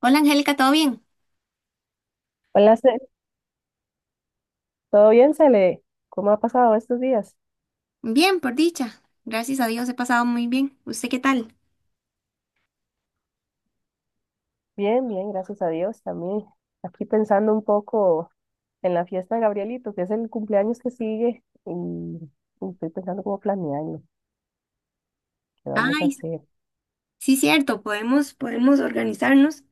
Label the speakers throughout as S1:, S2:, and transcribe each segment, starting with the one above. S1: Hola Angélica, ¿todo bien?
S2: Hola, ¿todo bien, Cele? ¿Cómo ha pasado estos días?
S1: Bien, por dicha. Gracias a Dios he pasado muy bien. ¿Usted qué tal?
S2: Bien, gracias a Dios también. Aquí pensando un poco en la fiesta de Gabrielito, que es el cumpleaños que sigue, y estoy pensando cómo planearlo, qué vamos a
S1: Ay,
S2: hacer.
S1: sí, cierto, podemos organizarnos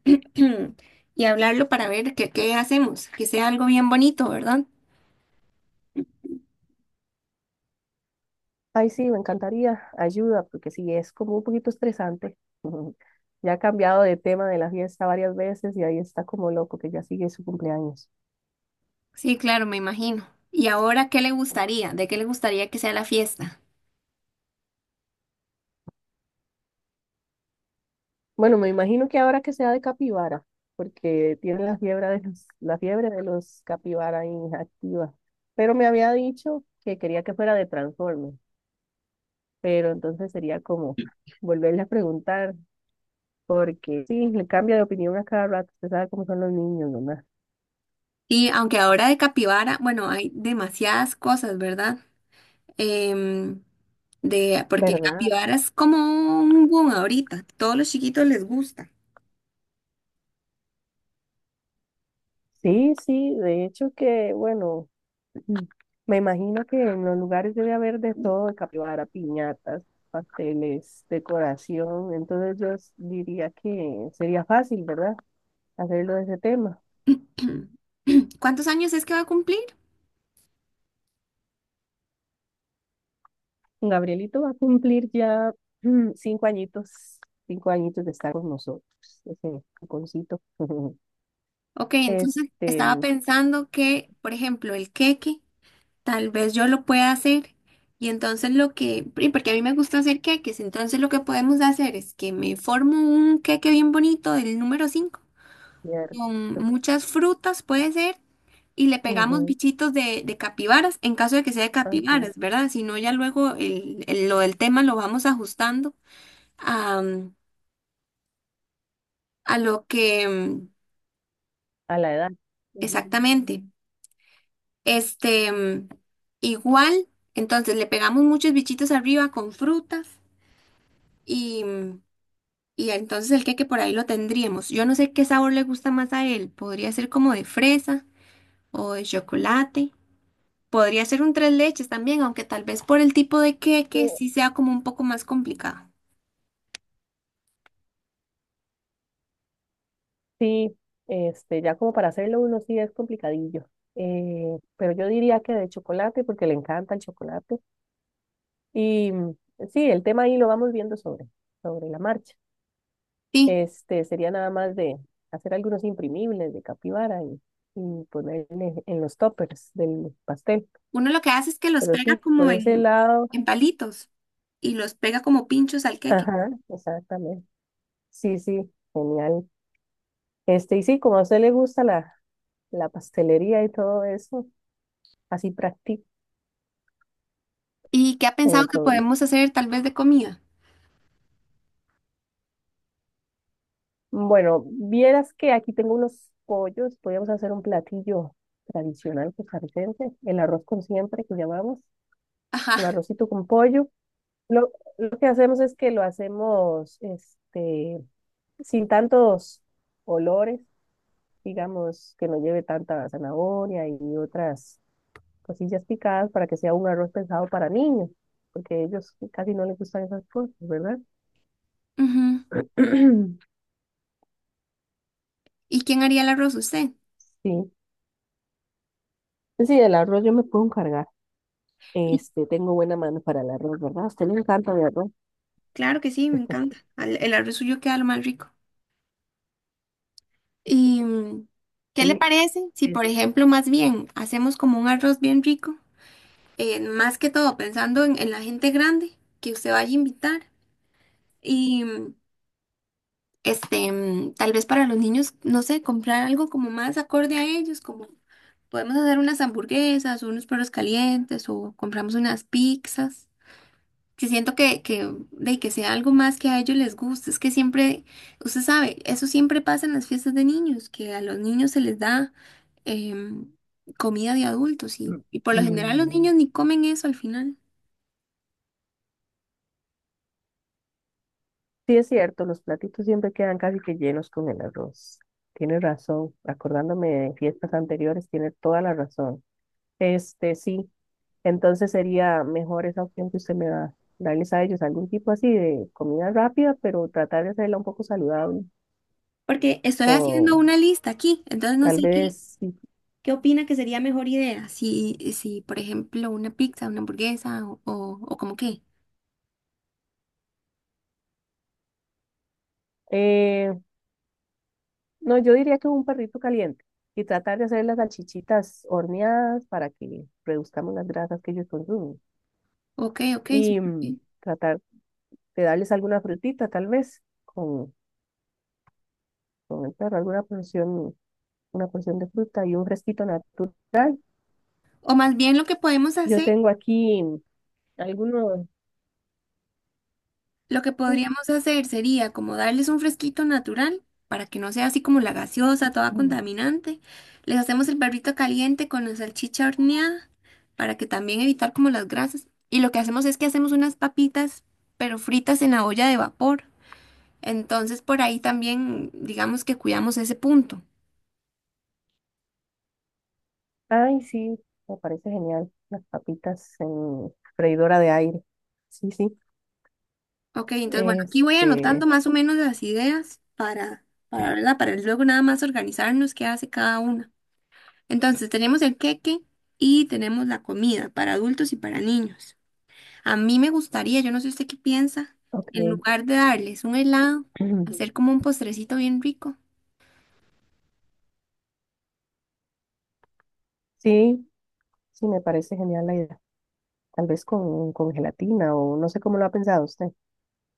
S1: y hablarlo para ver qué hacemos, que sea algo bien bonito, ¿verdad?
S2: Ay, sí, me encantaría ayuda, porque sí, es como un poquito estresante. Ya ha cambiado de tema de la fiesta varias veces y ahí está como loco que ya sigue su cumpleaños.
S1: Sí, claro, me imagino. ¿Y ahora qué le gustaría? ¿De qué le gustaría que sea la fiesta?
S2: Bueno, me imagino que ahora que sea de capibara, porque tiene la fiebre de los capibara inactiva. Pero me había dicho que quería que fuera de Transformers, pero entonces sería como volverle a preguntar, porque sí, le cambia de opinión a cada rato, usted sabe cómo son los niños, ¿verdad?
S1: Sí, aunque ahora de capibara, bueno, hay demasiadas cosas, ¿verdad? Em, de, porque
S2: ¿Verdad?
S1: capibara es como un boom ahorita, todos los chiquitos les gusta.
S2: Sí, sí, de hecho que, bueno. Mm. Me imagino que en los lugares debe haber de todo, de capibara, piñatas, pasteles, decoración. Entonces diría que sería fácil, ¿verdad? Hacerlo de ese tema.
S1: ¿Cuántos años es que va a cumplir?
S2: Gabrielito va a cumplir ya 5 añitos, 5 añitos de estar con nosotros, ese caponcito.
S1: Ok, entonces
S2: Este,
S1: estaba pensando que, por ejemplo, el queque, tal vez yo lo pueda hacer. Y entonces lo que, porque a mí me gusta hacer queques, entonces lo que podemos hacer es que me formo un queque bien bonito del número 5 con
S2: cierto.
S1: muchas frutas, puede ser, y le pegamos
S2: Ujú,
S1: bichitos de capibaras, en caso de que sea de
S2: así,
S1: capibaras, ¿verdad? Si no, ya luego lo del tema lo vamos ajustando a, a lo que
S2: a la edad. Ujú.
S1: exactamente. Este, mm, igual, entonces le pegamos muchos bichitos arriba con frutas y, y entonces el queque por ahí lo tendríamos. Yo no sé qué sabor le gusta más a él. Podría ser como de fresa o de chocolate. Podría ser un tres leches también, aunque tal vez por el tipo de queque
S2: Sí,
S1: sí sea como un poco más complicado.
S2: sí, este, ya como para hacerlo uno sí es complicadillo. Pero yo diría que de chocolate, porque le encanta el chocolate. Y sí, el tema ahí lo vamos viendo sobre la marcha.
S1: Sí,
S2: Este, sería nada más de hacer algunos imprimibles de capibara, y ponerle en los toppers del pastel.
S1: uno lo que hace es que los
S2: Pero
S1: pega
S2: sí, por
S1: como
S2: ese lado,
S1: en palitos y los pega como pinchos al queque.
S2: ajá, exactamente. Sí, sí, genial. Este, y sí, como a usted le gusta la pastelería y todo eso, así practica
S1: ¿Y qué ha
S2: con
S1: pensado
S2: el
S1: que
S2: sobrino.
S1: podemos hacer tal vez de comida?
S2: Bueno, vieras que aquí tengo unos pollos, podríamos hacer un platillo tradicional costarricense, el arroz con siempre que llamamos,
S1: Ajá.
S2: un arrocito con pollo. Lo, lo que hacemos es que lo hacemos este, sin tantos olores, digamos, que no lleve tanta zanahoria y otras cosillas picadas para que sea un arroz pensado para niños, porque ellos casi no les gustan esas cosas, ¿verdad?
S1: Ujú. ¿Y quién haría el arroz? ¿Usted?
S2: Sí, sí, del arroz yo me puedo encargar.
S1: Y
S2: Este, tengo buena mano para el arroz, ¿verdad? A usted le encanta el arroz.
S1: claro que sí, me encanta. El arroz suyo queda lo más rico. ¿Y qué le
S2: Sí,
S1: parece si,
S2: es-
S1: por ejemplo, más bien hacemos como un arroz bien rico? Más que todo pensando en la gente grande que usted vaya a invitar. Y tal vez para los niños, no sé, comprar algo como más acorde a ellos, como podemos hacer unas hamburguesas, o unos perros calientes o compramos unas pizzas. Que siento de que sea algo más que a ellos les guste. Es que siempre, usted sabe, eso siempre pasa en las fiestas de niños, que a los niños se les da em, comida de adultos y por lo general los niños ni comen eso al final.
S2: sí es cierto, los platitos siempre quedan casi que llenos con el arroz. Tiene razón, acordándome de fiestas anteriores, tiene toda la razón. Este, sí, entonces sería mejor esa opción que usted me da, darles a ellos algún tipo así de comida rápida, pero tratar de hacerla un poco saludable.
S1: Porque estoy haciendo
S2: O
S1: una lista aquí, entonces no
S2: tal
S1: sé
S2: vez, sí.
S1: qué opina que sería mejor idea. Si, por ejemplo, una pizza, una hamburguesa o como qué.
S2: No, yo diría que un perrito caliente y tratar de hacer las salchichitas horneadas para que reduzcamos las grasas que ellos consumen.
S1: Ok,
S2: Y
S1: súper bien.
S2: tratar de darles alguna frutita, tal vez, con el perro, alguna porción, una porción de fruta y un fresquito natural.
S1: O más bien lo que podemos
S2: Yo
S1: hacer.
S2: tengo aquí algunos.
S1: Lo que
S2: Sí,
S1: podríamos hacer sería como darles un fresquito natural para que no sea así como la gaseosa, toda
S2: mm,
S1: contaminante. Les hacemos el perrito caliente con la salchicha horneada para que también evitar como las grasas. Y lo que hacemos es que hacemos unas papitas, pero fritas en la olla de vapor. Entonces por ahí también digamos que cuidamos ese punto.
S2: ay, sí, me parece genial. Las papitas en freidora de aire. Sí, sí.
S1: Ok, entonces bueno, aquí voy anotando
S2: Este,
S1: más o menos las ideas para, ¿verdad? Para luego nada más organizarnos qué hace cada una. Entonces tenemos el queque y tenemos la comida para adultos y para niños. A mí me gustaría, yo no sé usted qué piensa, en
S2: ok.
S1: lugar de darles un helado, hacer como un postrecito bien rico,
S2: Sí, sí, me parece genial la idea. Tal vez con gelatina o no sé cómo lo ha pensado usted.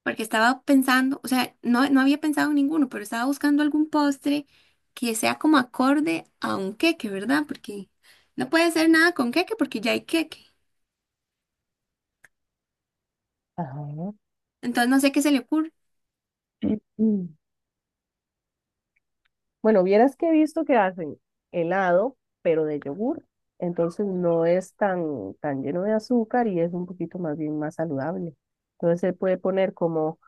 S1: porque estaba pensando, o sea, no había pensado en ninguno, pero estaba buscando algún postre que sea como acorde a un queque, ¿verdad? Porque no puede ser nada con queque porque ya hay queque.
S2: Ajá.
S1: Entonces no sé qué se le ocurre.
S2: Mm. Bueno, vieras que he visto que hacen helado, pero de yogur, entonces no es tan lleno de azúcar y es un poquito más bien más saludable. Entonces se puede poner como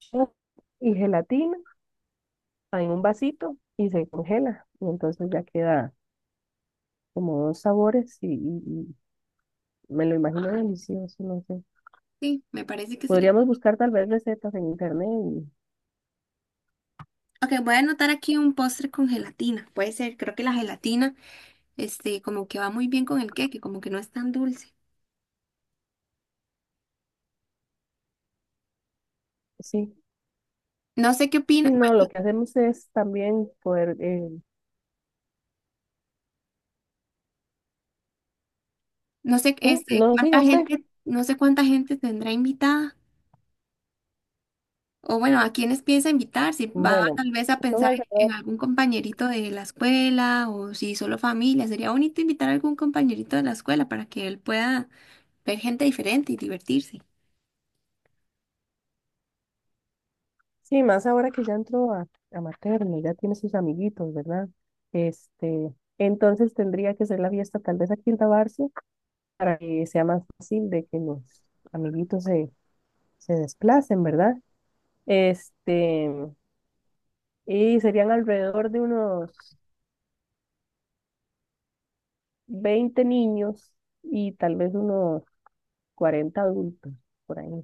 S2: yogur y gelatina en un vasito y se congela y entonces ya queda como dos sabores y y me lo imagino delicioso, no sé.
S1: Sí, me parece que sería.
S2: Podríamos buscar tal vez recetas en internet y
S1: Ok, voy a anotar aquí un postre con gelatina. Puede ser, creo que la gelatina, este, como que va muy bien con el queque, como que no es tan dulce.
S2: sí,
S1: No sé qué opina,
S2: sí, no,
S1: bueno,
S2: lo que hacemos es también poder,
S1: no sé,
S2: sí,
S1: este,
S2: no
S1: cuánta
S2: siga usted.
S1: gente, no sé cuánta gente tendrá invitada, o bueno, a quiénes piensa invitar, si va
S2: Bueno,
S1: tal vez a
S2: son
S1: pensar en
S2: alrededor,
S1: algún compañerito de la escuela, o si solo familia, sería bonito invitar a algún compañerito de la escuela para que él pueda ver gente diferente y divertirse.
S2: sí, más ahora que ya entró a materno, ya tiene sus amiguitos, ¿verdad? Este, entonces tendría que ser la fiesta tal vez aquí en Tabarce para que sea más fácil de que los amiguitos se desplacen, ¿verdad? Este, y serían alrededor de unos 20 niños y tal vez unos 40 adultos por ahí.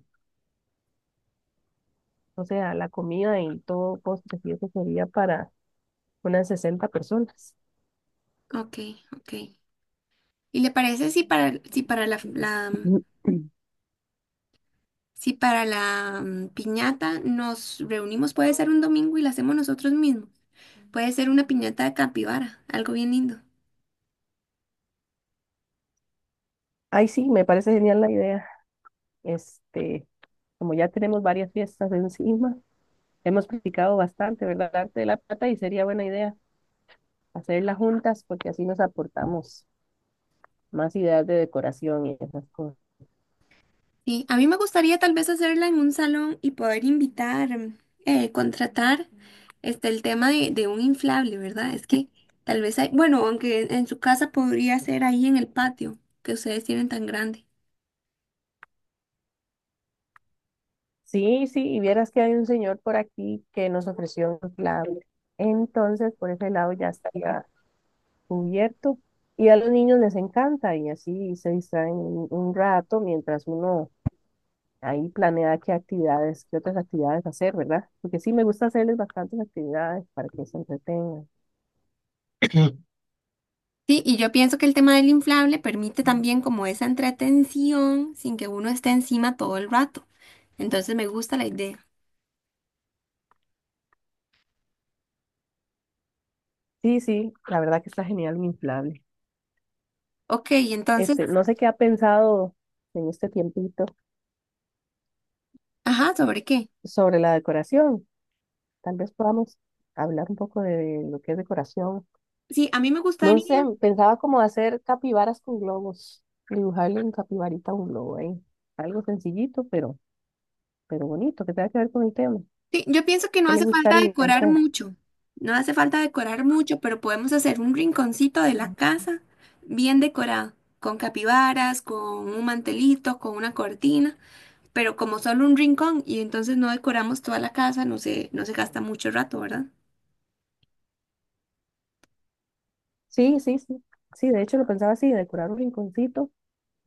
S2: O sea, la comida y todo postres y eso sería para unas 60 personas.
S1: Ok, ok. ¿Y le parece si para la, la, mm, si para la piñata nos reunimos, puede ser un domingo y la hacemos nosotros mismos? Puede ser una piñata de capibara, algo bien lindo.
S2: Ay, sí, me parece genial la idea. Este, como ya tenemos varias fiestas encima, hemos practicado bastante, ¿verdad? El arte de la plata y sería buena idea hacerlas juntas porque así nos aportamos más ideas de decoración y esas cosas.
S1: Sí, a mí me gustaría tal vez hacerla en un salón y poder invitar, contratar este, el tema de un inflable, ¿verdad? Es que tal vez hay, bueno, aunque en su casa podría ser ahí en el patio que ustedes tienen tan grande.
S2: Sí, sí, y vieras que hay un señor por aquí que nos ofreció un clave. Entonces, por ese lado ya estaría cubierto. Y a los niños les encanta y así se distraen un rato mientras uno ahí planea qué actividades, qué otras actividades hacer, ¿verdad? Porque sí, me gusta hacerles bastantes actividades para que se entretengan.
S1: Sí, y yo pienso que el tema del inflable permite también como esa entretención sin que uno esté encima todo el rato. Entonces me gusta la idea.
S2: Sí, sí, la verdad que está genial mi inflable.
S1: Ok, entonces,
S2: Este, no sé qué ha pensado en este tiempito
S1: ajá, ¿sobre qué?
S2: sobre la decoración. Tal vez podamos hablar un poco de lo que es decoración.
S1: Sí, a mí me
S2: No sé,
S1: gustaría.
S2: pensaba como hacer capibaras con globos, dibujarle un capibarita a un globo ahí. Algo sencillito, pero bonito, que tenga que ver con el tema.
S1: Sí, yo pienso que no
S2: ¿Qué le
S1: hace falta
S2: gustaría a
S1: decorar
S2: usted?
S1: mucho, no hace falta decorar mucho, pero podemos hacer un rinconcito de la casa bien decorado, con capibaras, con un mantelito, con una cortina, pero como solo un rincón y entonces no decoramos toda la casa, no se gasta mucho rato, ¿verdad?
S2: Sí, sí, sí. Sí, de hecho lo pensaba así, decorar un rinconcito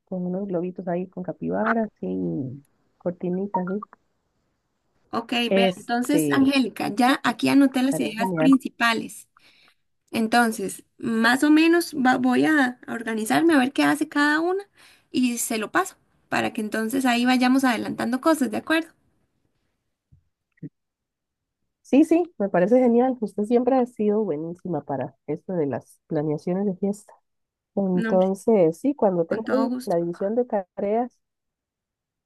S2: con unos globitos ahí con capibaras y cortinitas, ¿sí?
S1: Ok, vea, entonces,
S2: Este,
S1: Angélica, ya aquí anoté las
S2: estaría
S1: ideas
S2: genial.
S1: principales. Entonces, más o menos voy a organizarme a ver qué hace cada una y se lo paso para que entonces ahí vayamos adelantando cosas, ¿de acuerdo?
S2: Sí, sí, me parece genial. Usted siempre ha sido buenísima para esto de las planeaciones de fiesta.
S1: No, hombre,
S2: Entonces, sí, cuando tenga
S1: con todo
S2: ahí
S1: gusto.
S2: la división de tareas,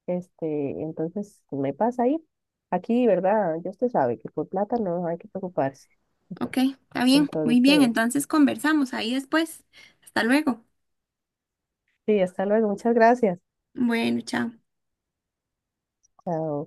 S2: este, entonces me pasa ahí. Aquí, ¿verdad? Ya usted sabe que por plata no hay que preocuparse.
S1: Ok, está bien, muy bien,
S2: Entonces,
S1: entonces conversamos ahí después. Hasta luego.
S2: sí, hasta luego. Muchas gracias.
S1: Bueno, chao.
S2: Chao.